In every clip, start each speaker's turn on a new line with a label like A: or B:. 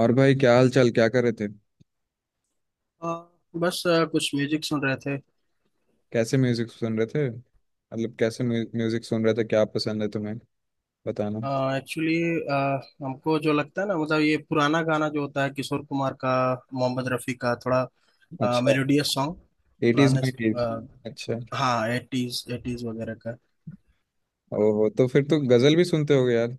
A: और भाई, क्या हाल चाल? क्या कर रहे थे?
B: अ, बस कुछ म्यूजिक सुन रहे थे।
A: कैसे म्यूजिक सुन रहे थे? मतलब कैसे म्यूजिक सुन रहे थे? क्या पसंद है तुम्हें, बताना।
B: एक्चुअली हमको जो लगता है ना, मतलब ये पुराना गाना जो होता है किशोर कुमार का, मोहम्मद रफ़ी का, थोड़ा
A: अच्छा।
B: Melodious song.
A: एटीज
B: पुराने।
A: नाइनटीज।
B: अ,
A: अच्छा।
B: हाँ, एटीज, एटीज वगैरह का।
A: ओहो, तो फिर तो गजल भी सुनते होगे यार।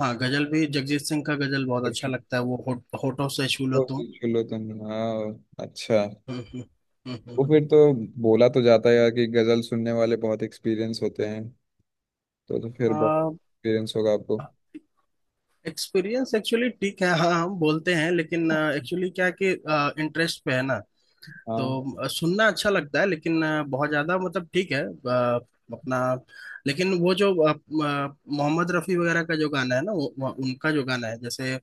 B: हाँ, गजल भी। जगजीत सिंह का गजल बहुत अच्छा लगता है, वो होठों से छू लो
A: तो
B: तुम।
A: चलो तुम। हाँ। अच्छा।
B: हम्म, हम्म, हम्म,
A: तो
B: हम्म,
A: फिर तो बोला तो जाता है यार कि गजल सुनने वाले बहुत एक्सपीरियंस होते हैं। तो फिर बहुत
B: हम्म।
A: एक्सपीरियंस होगा आपको।
B: अ, एक्सपीरियंस एक्चुअली ठीक है, हाँ, हम बोलते हैं, लेकिन
A: हाँ,
B: एक्चुअली क्या है कि इंटरेस्ट पे है ना। तो सुनना अच्छा लगता है, लेकिन बहुत ज्यादा मतलब ठीक है, अपना। लेकिन वो जो मोहम्मद रफी वगैरह का जो गाना है ना, उनका जो गाना है, जैसे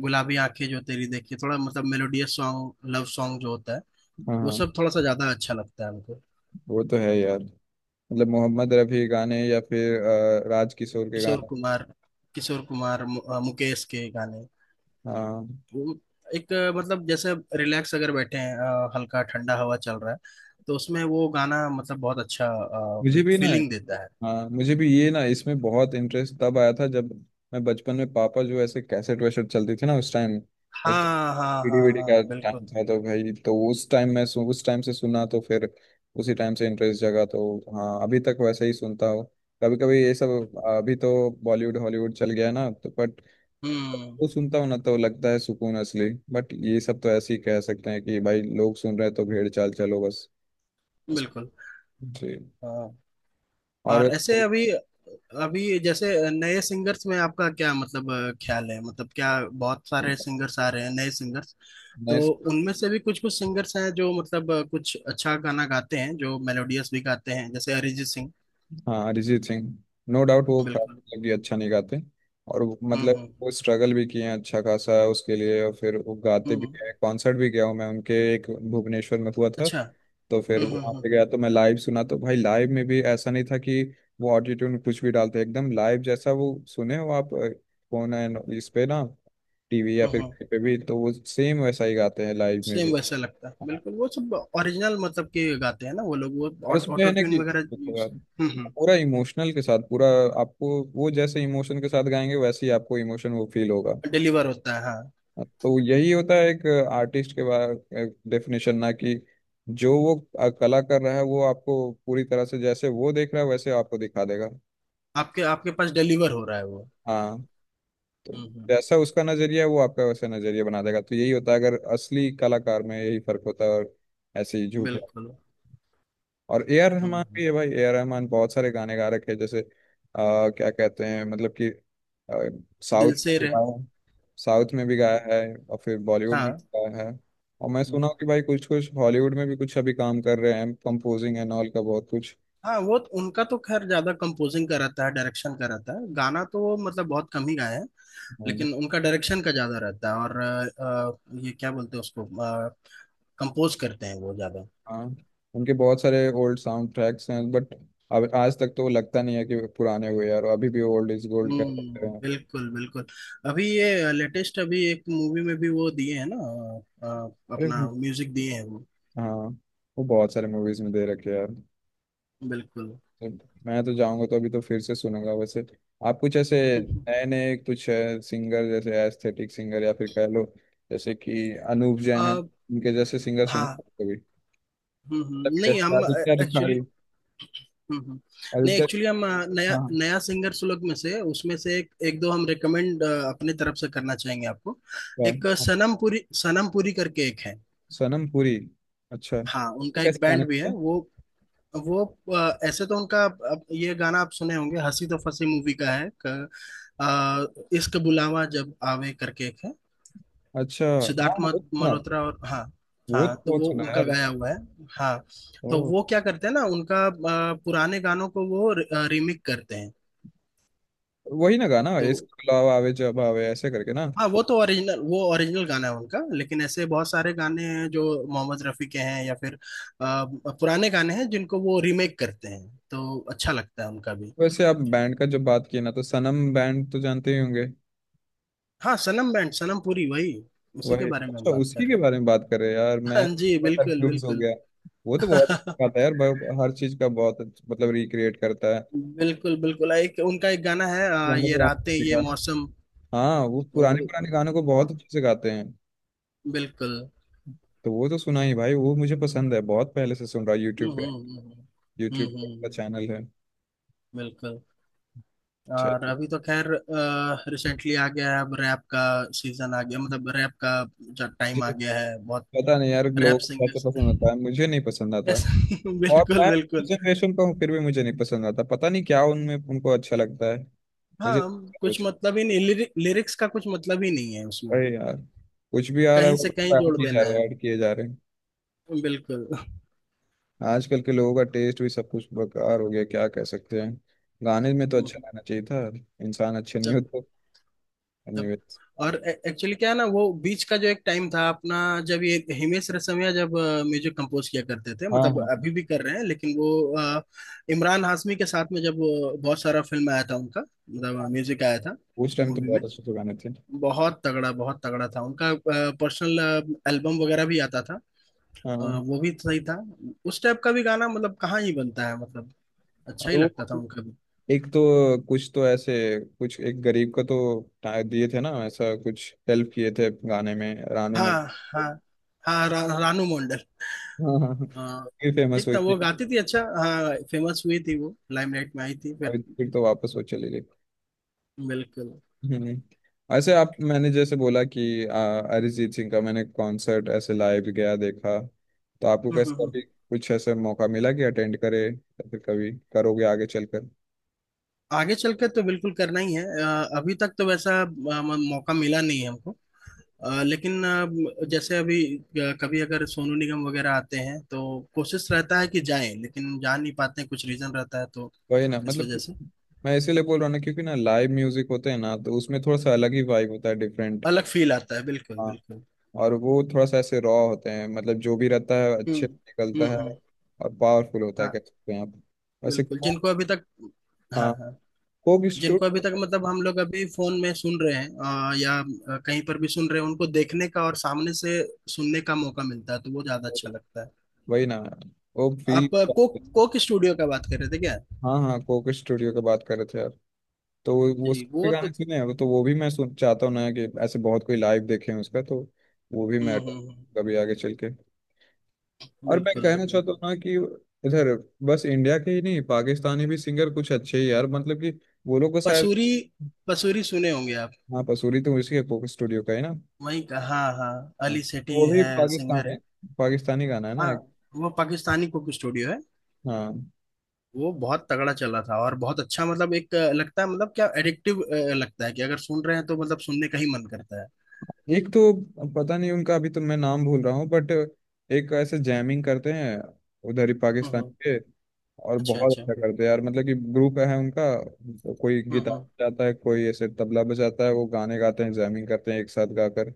B: गुलाबी आंखें जो तेरी देखी, थोड़ा मतलब मेलोडियस सॉन्ग, लव सॉन्ग जो होता है
A: हाँ,
B: वो
A: हाँ।
B: सब थोड़ा सा ज्यादा अच्छा लगता है हमको।
A: वो तो है यार। मतलब मोहम्मद रफ़ी गाने, या फिर राज किशोर के
B: किशोर
A: गाने।
B: कुमार, किशोर कुमार, मुकेश के गाने।
A: हाँ,
B: वो एक, मतलब जैसे रिलैक्स अगर बैठे हैं, हल्का ठंडा हवा चल रहा है, तो उसमें वो गाना मतलब बहुत अच्छा,
A: मुझे
B: एक
A: भी ना।
B: फीलिंग देता है।
A: हाँ, मुझे भी ये ना, इसमें बहुत इंटरेस्ट तब आया था जब मैं बचपन में, पापा जो ऐसे कैसेट वैसेट चलती थी ना उस टाइम।
B: हाँ, हाँ,
A: सीडी
B: हाँ,
A: वीडी का
B: हाँ,
A: टाइम
B: बिल्कुल।
A: था तो भाई, तो उस टाइम मैं उस टाइम से सुना, तो फिर उसी टाइम से इंटरेस्ट जगा तो। हाँ, अभी तक वैसे ही सुनता हूँ। कभी कभी ये सब, अभी तो बॉलीवुड हॉलीवुड चल गया है ना, तो बट
B: हम्म,
A: वो सुनता हूँ ना तो लगता है सुकून असली। बट ये सब तो ऐसे ही कह सकते हैं कि भाई लोग सुन रहे हैं तो भेड़ चाल, चलो बस।
B: बिल्कुल।
A: जी।
B: हाँ।
A: और
B: और ऐसे अभी, अभी जैसे नए सिंगर्स में आपका क्या, मतलब ख्याल है, मतलब क्या, बहुत सारे सिंगर्स आ रहे हैं, नए सिंगर्स।
A: नए।
B: तो उनमें से भी कुछ कुछ सिंगर्स हैं जो मतलब कुछ अच्छा गाना गाते हैं, जो मेलोडियस भी गाते हैं, जैसे अरिजीत सिंह।
A: हाँ, अरिजीत सिंह, नो डाउट वो काफी
B: बिल्कुल।
A: मतलब कि अच्छा नहीं गाते। और
B: हम्म,
A: मतलब
B: हम्म,
A: वो स्ट्रगल भी किए हैं अच्छा खासा उसके लिए, और फिर वो गाते भी
B: हम्म।
A: हैं। कॉन्सर्ट भी गया हूँ मैं उनके, एक भुवनेश्वर में हुआ था।
B: अच्छा। हम्म,
A: तो फिर वहाँ
B: हम्म,
A: पे
B: हम्म,
A: गया तो मैं लाइव सुना, तो भाई, लाइव में भी ऐसा नहीं था कि वो ऑटोट्यून कुछ भी डालते। एकदम लाइव जैसा वो सुने हो आप। फोन एंड इस पे ना, टीवी या फिर
B: हम्म।
A: कहीं पे भी, तो वो सेम वैसा ही गाते हैं लाइव में भी।
B: सेम वैसा लगता है बिल्कुल, वो सब ओरिजिनल मतलब के गाते हैं ना वो लोग, वो
A: और उसमें है
B: ऑटो
A: ना कि,
B: ट्यून वगैरह
A: देखो यार,
B: यूज। हम्म,
A: पूरा इमोशनल के साथ। पूरा आपको वो जैसे इमोशन के साथ गाएंगे, वैसे ही आपको इमोशन वो फील होगा।
B: डिलीवर होता है, हाँ।
A: तो यही होता है एक आर्टिस्ट के बारे डेफिनेशन, ना कि जो वो कला कर रहा है, वो आपको पूरी तरह से जैसे वो देख रहा है वैसे आपको दिखा देगा।
B: आपके आपके पास डिलीवर हो रहा है वो।
A: हाँ, तो
B: हम्म,
A: जैसा उसका नजरिया है वो आपका वैसा नजरिया बना देगा, तो यही होता है। अगर असली कलाकार में यही फर्क होता है। और ऐसे ही झूठ।
B: बिल्कुल।
A: और ए आर
B: हम्म,
A: रहमान भी है भाई। ए आर रहमान बहुत सारे गाने गा रखे हैं, जैसे क्या कहते हैं, मतलब कि साउथ
B: दिल
A: में
B: से
A: भी
B: रहे।
A: गाया है। साउथ में भी
B: हम्म,
A: गाया है और फिर बॉलीवुड में भी
B: हाँ।
A: गाया है। और
B: हम्म,
A: मैं
B: हम्म।
A: सुना हूँ कि भाई कुछ कुछ हॉलीवुड में भी कुछ अभी काम कर रहे हैं, कंपोजिंग एंड ऑल का बहुत कुछ।
B: हाँ, उनका तो खैर ज्यादा कंपोजिंग का रहता है, डायरेक्शन का रहता है, गाना तो वो मतलब बहुत कम ही गाए हैं।
A: हम्म।
B: लेकिन उनका डायरेक्शन का ज्यादा रहता है, और ये क्या बोलते हैं उसको, कंपोज करते हैं वो ज्यादा।
A: हाँ, उनके बहुत सारे ओल्ड साउंड ट्रैक्स हैं, बट अब आज तक तो लगता नहीं है कि वो पुराने हुए यार। अभी भी ओल्ड इज गोल्ड कह सकते
B: हम्म,
A: हैं।
B: बिल्कुल, बिल्कुल। अभी ये लेटेस्ट, अभी एक मूवी में भी वो दिए हैं ना,
A: अरे,
B: अपना म्यूजिक दिए हैं वो।
A: हाँ, वो बहुत सारे मूवीज में दे रखे हैं यार।
B: बिल्कुल।
A: मैं तो जाऊंगा तो अभी तो फिर से सुनूंगा वैसे। आप कुछ ऐसे
B: हम्म, हम्म।
A: नए नए कुछ सिंगर, जैसे एस्थेटिक सिंगर या फिर कह लो, जैसे कि अनूप जैन है,
B: अ,
A: उनके जैसे सिंगर सुने हैं
B: हाँ।
A: कभी?
B: हम्म,
A: तब
B: नहीं
A: जैसे
B: हम
A: आदित्य
B: एक्चुअली,
A: रिखारी।
B: हम्म, नहीं
A: आदित्य।
B: एक्चुअली हम नया
A: हाँ,
B: नया सिंगर सुलग में से, उसमें से एक एक दो हम रेकमेंड अपने तरफ से करना चाहेंगे आपको।
A: हाँ,
B: एक
A: हाँ।
B: सनम पुरी, सनम पुरी करके एक है।
A: सनम पुरी। अच्छा,
B: हाँ,
A: वो
B: उनका एक
A: कैसे गाने
B: बैंड भी है
A: थे?
B: वो ऐसे तो उनका, अब ये गाना आप सुने होंगे, हंसी तो फंसी मूवी का है, इश्क बुलावा जब आवे करके एक है।
A: अच्छा। हाँ,
B: सिद्धार्थ
A: वो तो सुना।
B: मल्होत्रा, और हाँ,
A: वो
B: हाँ।
A: तो
B: तो
A: बहुत
B: वो
A: सुना
B: उनका
A: यार।
B: गाया हुआ है। हाँ,
A: ओ।
B: तो वो क्या करते हैं ना, उनका पुराने गानों को वो रिमिक करते हैं,
A: वही ना गाना
B: तो
A: इश्क बुलावा आवे जब आवे ऐसे करके ना।
B: हाँ। वो ओरिजिनल गाना है उनका, लेकिन ऐसे बहुत सारे गाने हैं जो मोहम्मद रफ़ी के हैं, या फिर पुराने गाने हैं जिनको वो रीमेक करते हैं, तो अच्छा लगता है उनका भी।
A: वैसे आप बैंड का जब बात किए ना, तो सनम बैंड तो जानते ही होंगे।
B: हाँ, सनम बैंड, सनम पुरी वही, उसी के
A: वही,
B: बारे में हम
A: अच्छा।
B: बात कर
A: उसी के
B: रहे हैं।
A: बारे में बात कर रहे हैं यार,
B: हाँ
A: मैं
B: जी, बिल्कुल,
A: कंफ्यूज हो
B: बिल्कुल।
A: गया। वो तो बहुत अच्छा था यार, हर चीज का बहुत मतलब रिक्रिएट करता है।
B: बिल्कुल, बिल्कुल, एक उनका एक गाना है,
A: पुराने
B: ये रातें
A: पुराने
B: ये
A: गाने-
B: मौसम।
A: हाँ, वो
B: वो
A: पुराने
B: भी
A: पुराने गानों को बहुत
B: बहुत।
A: अच्छे से गाते हैं।
B: बिल्कुल।
A: तो वो तो सुना ही भाई, वो मुझे पसंद है बहुत, पहले से सुन रहा है
B: हम्म,
A: यूट्यूब पे।
B: हम्म, हम्म,
A: यूट्यूब
B: हम्म,
A: पे
B: हम्म,
A: का
B: हम्म,
A: चैनल है।
B: बिल्कुल। और
A: चलिए।
B: अभी तो खैर रिसेंटली आ गया है अब, रैप का सीजन आ गया, मतलब रैप का जो टाइम आ
A: मुझे
B: गया है, बहुत
A: पता नहीं यार
B: रैप
A: लोग कैसे
B: सिंगर्स।
A: पसंद आता है, मुझे नहीं पसंद आता।
B: यस।
A: और
B: बिल्कुल,
A: मैं
B: बिल्कुल।
A: जनरेशन का हूँ फिर भी मुझे नहीं पसंद आता, पता नहीं क्या उनमें उनको अच्छा लगता है। मुझे,
B: हाँ, कुछ मतलब ही नहीं लिरिक्स का, कुछ मतलब ही नहीं है उसमें।
A: अरे यार, कुछ भी आ रहा है
B: कहीं
A: वो,
B: से कहीं
A: ऐड
B: जोड़
A: किए जा
B: देना
A: रहे हैं,
B: है।
A: ऐड किए जा रहे हैं।
B: बिल्कुल।
A: आजकल के लोगों का टेस्ट भी सब कुछ बेकार हो गया, क्या कह सकते हैं। गाने में तो
B: हम्म,
A: अच्छा रहना चाहिए था। इंसान अच्छे नहीं
B: सब,
A: होते।
B: तब।
A: एनीवेज।
B: और एक्चुअली क्या है ना, वो बीच का जो एक टाइम था अपना, जब ये हिमेश रेशमिया जब म्यूजिक कंपोज किया करते थे,
A: हाँ,
B: मतलब
A: हाँ,
B: अभी भी कर रहे हैं, लेकिन वो अ, इमरान हाशमी के साथ में जब वो बहुत सारा फिल्म आया था उनका, मतलब
A: हाँ।
B: म्यूजिक आया था
A: उस टाइम तो
B: मूवी में,
A: बहुत अच्छे से गाने थे।
B: बहुत तगड़ा, बहुत तगड़ा था उनका। पर्सनल एल्बम वगैरह भी आता था,
A: हाँ, हाँ।
B: वो भी सही था, उस टाइप का भी गाना मतलब कहाँ ही बनता है, मतलब अच्छा
A: और
B: ही लगता
A: वो
B: था उनका भी।
A: एक तो, कुछ तो ऐसे कुछ एक गरीब का तो दिए थे ना ऐसा, कुछ हेल्प किए थे गाने में, रानू मंडल।
B: हाँ, हाँ, हाँ, रानू मंडल,
A: हाँ, हाँ, हाँ।
B: हाँ।
A: फिर फेमस
B: ठीक
A: हुई
B: था, वो
A: थी।
B: गाती थी अच्छा, हाँ, फेमस हुई थी, वो लाइमलाइट में आई थी फिर।
A: और फिर तो वापस वो चली गई।
B: बिल्कुल।
A: हम्म। ऐसे आप, मैंने जैसे बोला कि अरिजीत सिंह का मैंने कॉन्सर्ट ऐसे लाइव गया देखा। तो आपको
B: हम्म, हम्म,
A: कैसे
B: हम्म।
A: कभी कुछ ऐसे मौका मिला कि अटेंड करे, या फिर कभी करोगे आगे चलकर?
B: आगे चल के तो बिल्कुल करना ही है, अभी तक तो वैसा मौका मिला नहीं है हमको। लेकिन जैसे अभी कभी अगर सोनू निगम वगैरह आते हैं तो कोशिश रहता है कि जाएं, लेकिन जा नहीं पाते हैं, कुछ रीजन रहता है, तो
A: वही ना,
B: इस
A: मतलब
B: वजह
A: कि
B: से।
A: मैं इसीलिए बोल रहा हूँ ना, क्योंकि ना, लाइव म्यूजिक होते हैं ना, तो उसमें थोड़ा सा अलग ही वाइब होता है, डिफरेंट।
B: अलग फील आता है, बिल्कुल,
A: हाँ।
B: बिल्कुल।
A: और वो थोड़ा सा ऐसे रॉ होते हैं, मतलब जो भी रहता है
B: हम्म,
A: अच्छे से निकलता
B: हम्म,
A: है।
B: हम्म,
A: और पावरफुल होता है, कह
B: हाँ,
A: सकते हैं आप। वैसे
B: बिल्कुल। जिनको
A: कोक।
B: अभी तक हाँ,
A: हाँ,
B: हाँ,
A: कोक
B: जिनको अभी तक
A: स्टूडियो।
B: मतलब हम लोग अभी फोन में सुन रहे हैं, या कहीं पर भी सुन रहे हैं, उनको देखने का और सामने से सुनने का मौका मिलता है, तो वो ज्यादा अच्छा लगता है।
A: वही ना, वो फील।
B: आप कोक कोक स्टूडियो का बात कर रहे थे क्या?
A: हाँ, हाँ, कोक स्टूडियो की बात कर रहे थे यार। तो वो
B: जी,
A: उसके
B: वो तो।
A: गाने सुने हैं, तो वो भी मैं सुन चाहता हूँ ना कि, ऐसे बहुत कोई लाइव देखे हैं उसका, तो वो भी
B: हम्म,
A: मैं
B: हम्म,
A: attend कभी आगे चल के। और मैं
B: बिल्कुल,
A: कहना चाहता हूँ
B: बिल्कुल।
A: ना कि इधर बस इंडिया के ही नहीं, पाकिस्तानी भी सिंगर कुछ अच्छे ही यार, मतलब कि वो लोग को शायद।
B: पसूरी, पसूरी सुने होंगे आप।
A: हाँ, पसूरी तो उसी के कोक स्टूडियो का है ना।
B: वहीं का, हाँ, हाँ,
A: हाँ,
B: अली
A: तो
B: सेठी
A: वो भी
B: है, सिंगर
A: पाकिस्तानी,
B: है।
A: पाकिस्तानी गाना है ना
B: हाँ,
A: एक।
B: वो पाकिस्तानी कुक स्टूडियो है।
A: हाँ।
B: वो बहुत तगड़ा चला था, और बहुत अच्छा मतलब एक लगता है मतलब, क्या एडिक्टिव लगता है कि अगर सुन रहे हैं तो मतलब सुनने का ही मन करता
A: एक तो पता नहीं उनका, अभी तो मैं नाम भूल रहा हूँ बट, एक ऐसे जैमिंग करते हैं उधर ही पाकिस्तान
B: है।
A: के। और
B: अच्छा,
A: बहुत
B: अच्छा।
A: अच्छा करते हैं यार, मतलब कि ग्रुप है उनका, तो कोई
B: हम्म,
A: गिटार
B: हम्म,
A: बजाता है कोई ऐसे तबला बजाता है, वो गाने गाते हैं, जैमिंग करते हैं एक साथ गाकर।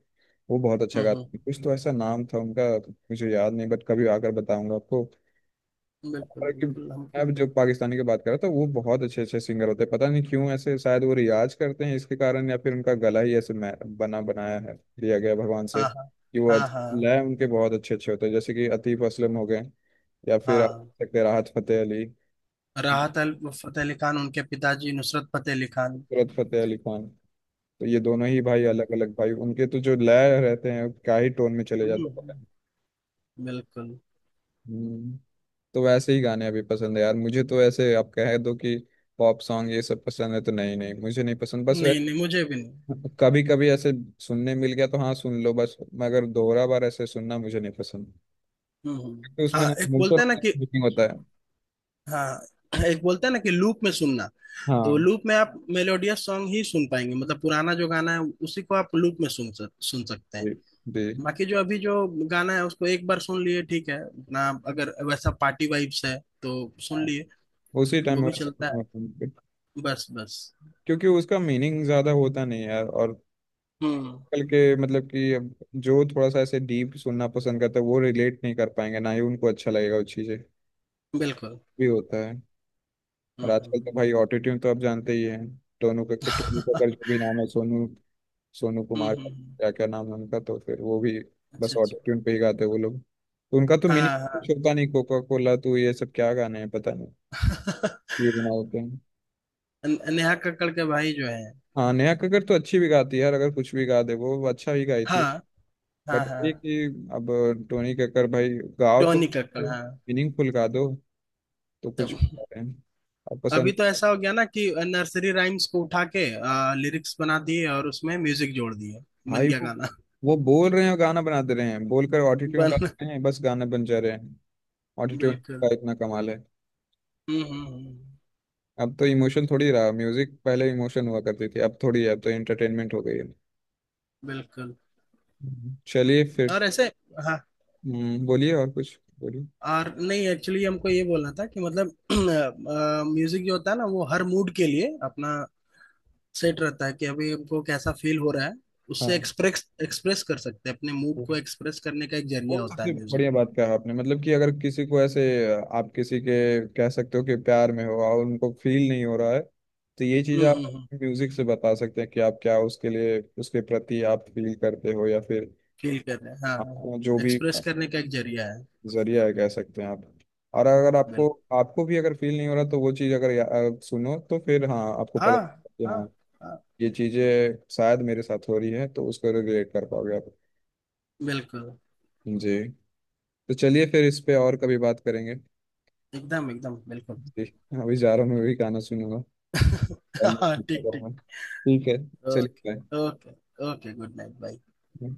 A: वो बहुत अच्छा
B: हम्म,
A: गाते हैं, कुछ तो ऐसा नाम था उनका, मुझे याद नहीं बट कभी आकर बताऊंगा आपको।
B: बिल्कुल,
A: और कि
B: बिल्कुल हमको।
A: अब जो पाकिस्तानी की बात कर रहा था, वो बहुत अच्छे अच्छे सिंगर होते हैं, पता नहीं क्यों ऐसे, शायद वो रियाज करते हैं इसके कारण, या फिर उनका गला ही ऐसे बना बनाया है, दिया गया भगवान
B: हाँ,
A: से
B: हाँ,
A: कि वो
B: हाँ, हाँ,
A: लय उनके बहुत अच्छे अच्छे होते हैं, जैसे कि अतीफ असलम हो गए। या फिर आप
B: हाँ,
A: देख सकते हैं राहत फतेह अली,
B: राहत अल फतेह अली खान, उनके पिताजी नुसरत फतेह अली खान।
A: सूरत फतेह अली खान। तो ये दोनों ही भाई अलग
B: बिल्कुल।
A: अलग भाई उनके, तो जो लय रहते हैं क्या ही टोन में चले
B: हम्म,
A: जाते हैं।
B: बिल्कुल।
A: हम्म। तो वैसे ही गाने अभी पसंद है यार मुझे, तो ऐसे आप कह दो कि पॉप सॉन्ग ये सब पसंद है, तो नहीं नहीं, मुझे नहीं पसंद बस वे।
B: नहीं, नहीं, मुझे भी नहीं।
A: कभी कभी ऐसे सुनने मिल गया तो हाँ सुन लो बस, मगर दोहरा बार ऐसे सुनना मुझे नहीं पसंद,
B: हम्म,
A: तो उसमें ना इमोशन होता है।
B: हाँ, एक बोलते हैं ना कि लूप में सुनना, तो
A: हाँ।
B: वो लूप में आप मेलोडियस सॉन्ग ही सुन पाएंगे, मतलब पुराना जो गाना है उसी को आप लूप में सुन सकते हैं।
A: जी, जी।
B: बाकी जो अभी जो गाना है उसको एक बार सुन लिए ठीक है ना, अगर वैसा पार्टी वाइब्स है, तो सुन
A: हाँ।
B: लिए,
A: उसी
B: वो
A: टाइम
B: भी
A: वैसे,
B: चलता है। बस, बस।
A: क्योंकि उसका मीनिंग ज्यादा होता नहीं है यार। और
B: हम्म,
A: आजकल के मतलब कि अब जो थोड़ा सा ऐसे डीप सुनना पसंद करता है, वो रिलेट नहीं कर पाएंगे, ना ही उनको अच्छा लगेगा वो चीज़ें
B: बिल्कुल।
A: भी होता है। और
B: हम्म, हम्म,
A: आजकल तो
B: हम्म।
A: भाई ऑटोट्यून तो आप जानते ही हैं। टोनू का, टोनू का जो भी नाम है, सोनू, सोनू
B: हम्म,
A: कुमार
B: हम्म,
A: का,
B: हम्म,
A: क्या क्या नाम है उनका, तो फिर वो भी बस
B: अच्छा, अच्छा,
A: ऑटोट्यून पे ही गाते हैं वो लोग, तो उनका तो मीनिंग
B: हाँ,
A: कुछ
B: हाँ।
A: होता नहीं, कोका कोला, तो ये सब क्या गाने हैं पता नहीं क्यों बना होते हैं।
B: नेहा कक्कड़ के भाई जो है।
A: हाँ, नेहा कक्कड़ तो अच्छी भी गाती है यार, अगर कुछ भी गा दे वो अच्छा ही गाई
B: हाँ,
A: थी।
B: हाँ,
A: बट
B: हाँ,
A: ये कि अब टोनी कक्कर भाई, गाओ तो
B: टोनी कक्कड़, हाँ।
A: मीनिंगफुल गा दो, तो
B: तो
A: कुछ गा रहे हैं अब पसंद।
B: अभी तो ऐसा हो गया ना कि नर्सरी राइम्स को उठा के लिरिक्स बना दिए, और उसमें म्यूजिक जोड़ दिए, बन
A: भाई
B: गया
A: वो
B: गाना।
A: वो बोल रहे हैं और गाना बना दे रहे हैं, बोलकर ऑटोट्यून
B: बन
A: डाल रहे हैं, बस गाना बन जा रहे हैं। ऑटोट्यून
B: बिल्कुल।
A: का इतना कमाल है।
B: हम्म, हम्म,
A: अब तो इमोशन थोड़ी रहा म्यूजिक, पहले इमोशन हुआ करती थी, अब थोड़ी है, अब तो एंटरटेनमेंट हो गई है।
B: बिल्कुल।
A: चलिए फिर।
B: और ऐसे, हाँ।
A: बोलिए और कुछ बोलिए।
B: और नहीं, एक्चुअली हमको ये बोलना था कि, मतलब म्यूजिक जो होता है ना, वो हर मूड के लिए अपना सेट रहता है, कि अभी हमको कैसा फील हो रहा है, उससे
A: हाँ,
B: एक्सप्रेस एक्सप्रेस कर सकते हैं। अपने मूड को एक्सप्रेस करने का एक
A: वो
B: जरिया होता
A: सबसे
B: है म्यूजिक।
A: बढ़िया बात कहा आपने, मतलब कि अगर किसी को ऐसे आप किसी के, कह सकते हो कि प्यार में हो और उनको फील नहीं हो रहा है, तो ये चीज
B: हम्म, हम्म,
A: आप
B: हम्म।
A: म्यूजिक से बता सकते हैं कि आप क्या उसके लिए, उसके प्रति आप फील करते हो, या फिर
B: फील कर रहे हैं,
A: आपको जो
B: हाँ।
A: भी,
B: एक्सप्रेस करने का एक जरिया है।
A: जरिया है कह सकते हैं आप। और अगर आपको
B: बिल्कुल।
A: आपको भी अगर फील नहीं हो रहा, तो वो चीज अगर सुनो, तो फिर हाँ आपको पता
B: हाँ,
A: चलता है कि
B: हाँ,
A: हाँ,
B: हाँ,
A: ये चीजें शायद मेरे साथ हो रही है, तो उसको रिलेट कर पाओगे आप।
B: बिल्कुल।
A: जी। तो चलिए फिर, इस पे और कभी बात करेंगे।
B: एकदम, एकदम, बिल्कुल।
A: जी। अभी जा रहा हूँ, मैं भी गाना सुनूंगा। अब
B: हाँ, ठीक, ठीक।
A: मैं, ठीक है, चलिए,
B: okay, okay. Okay, good night, bye.
A: Bye.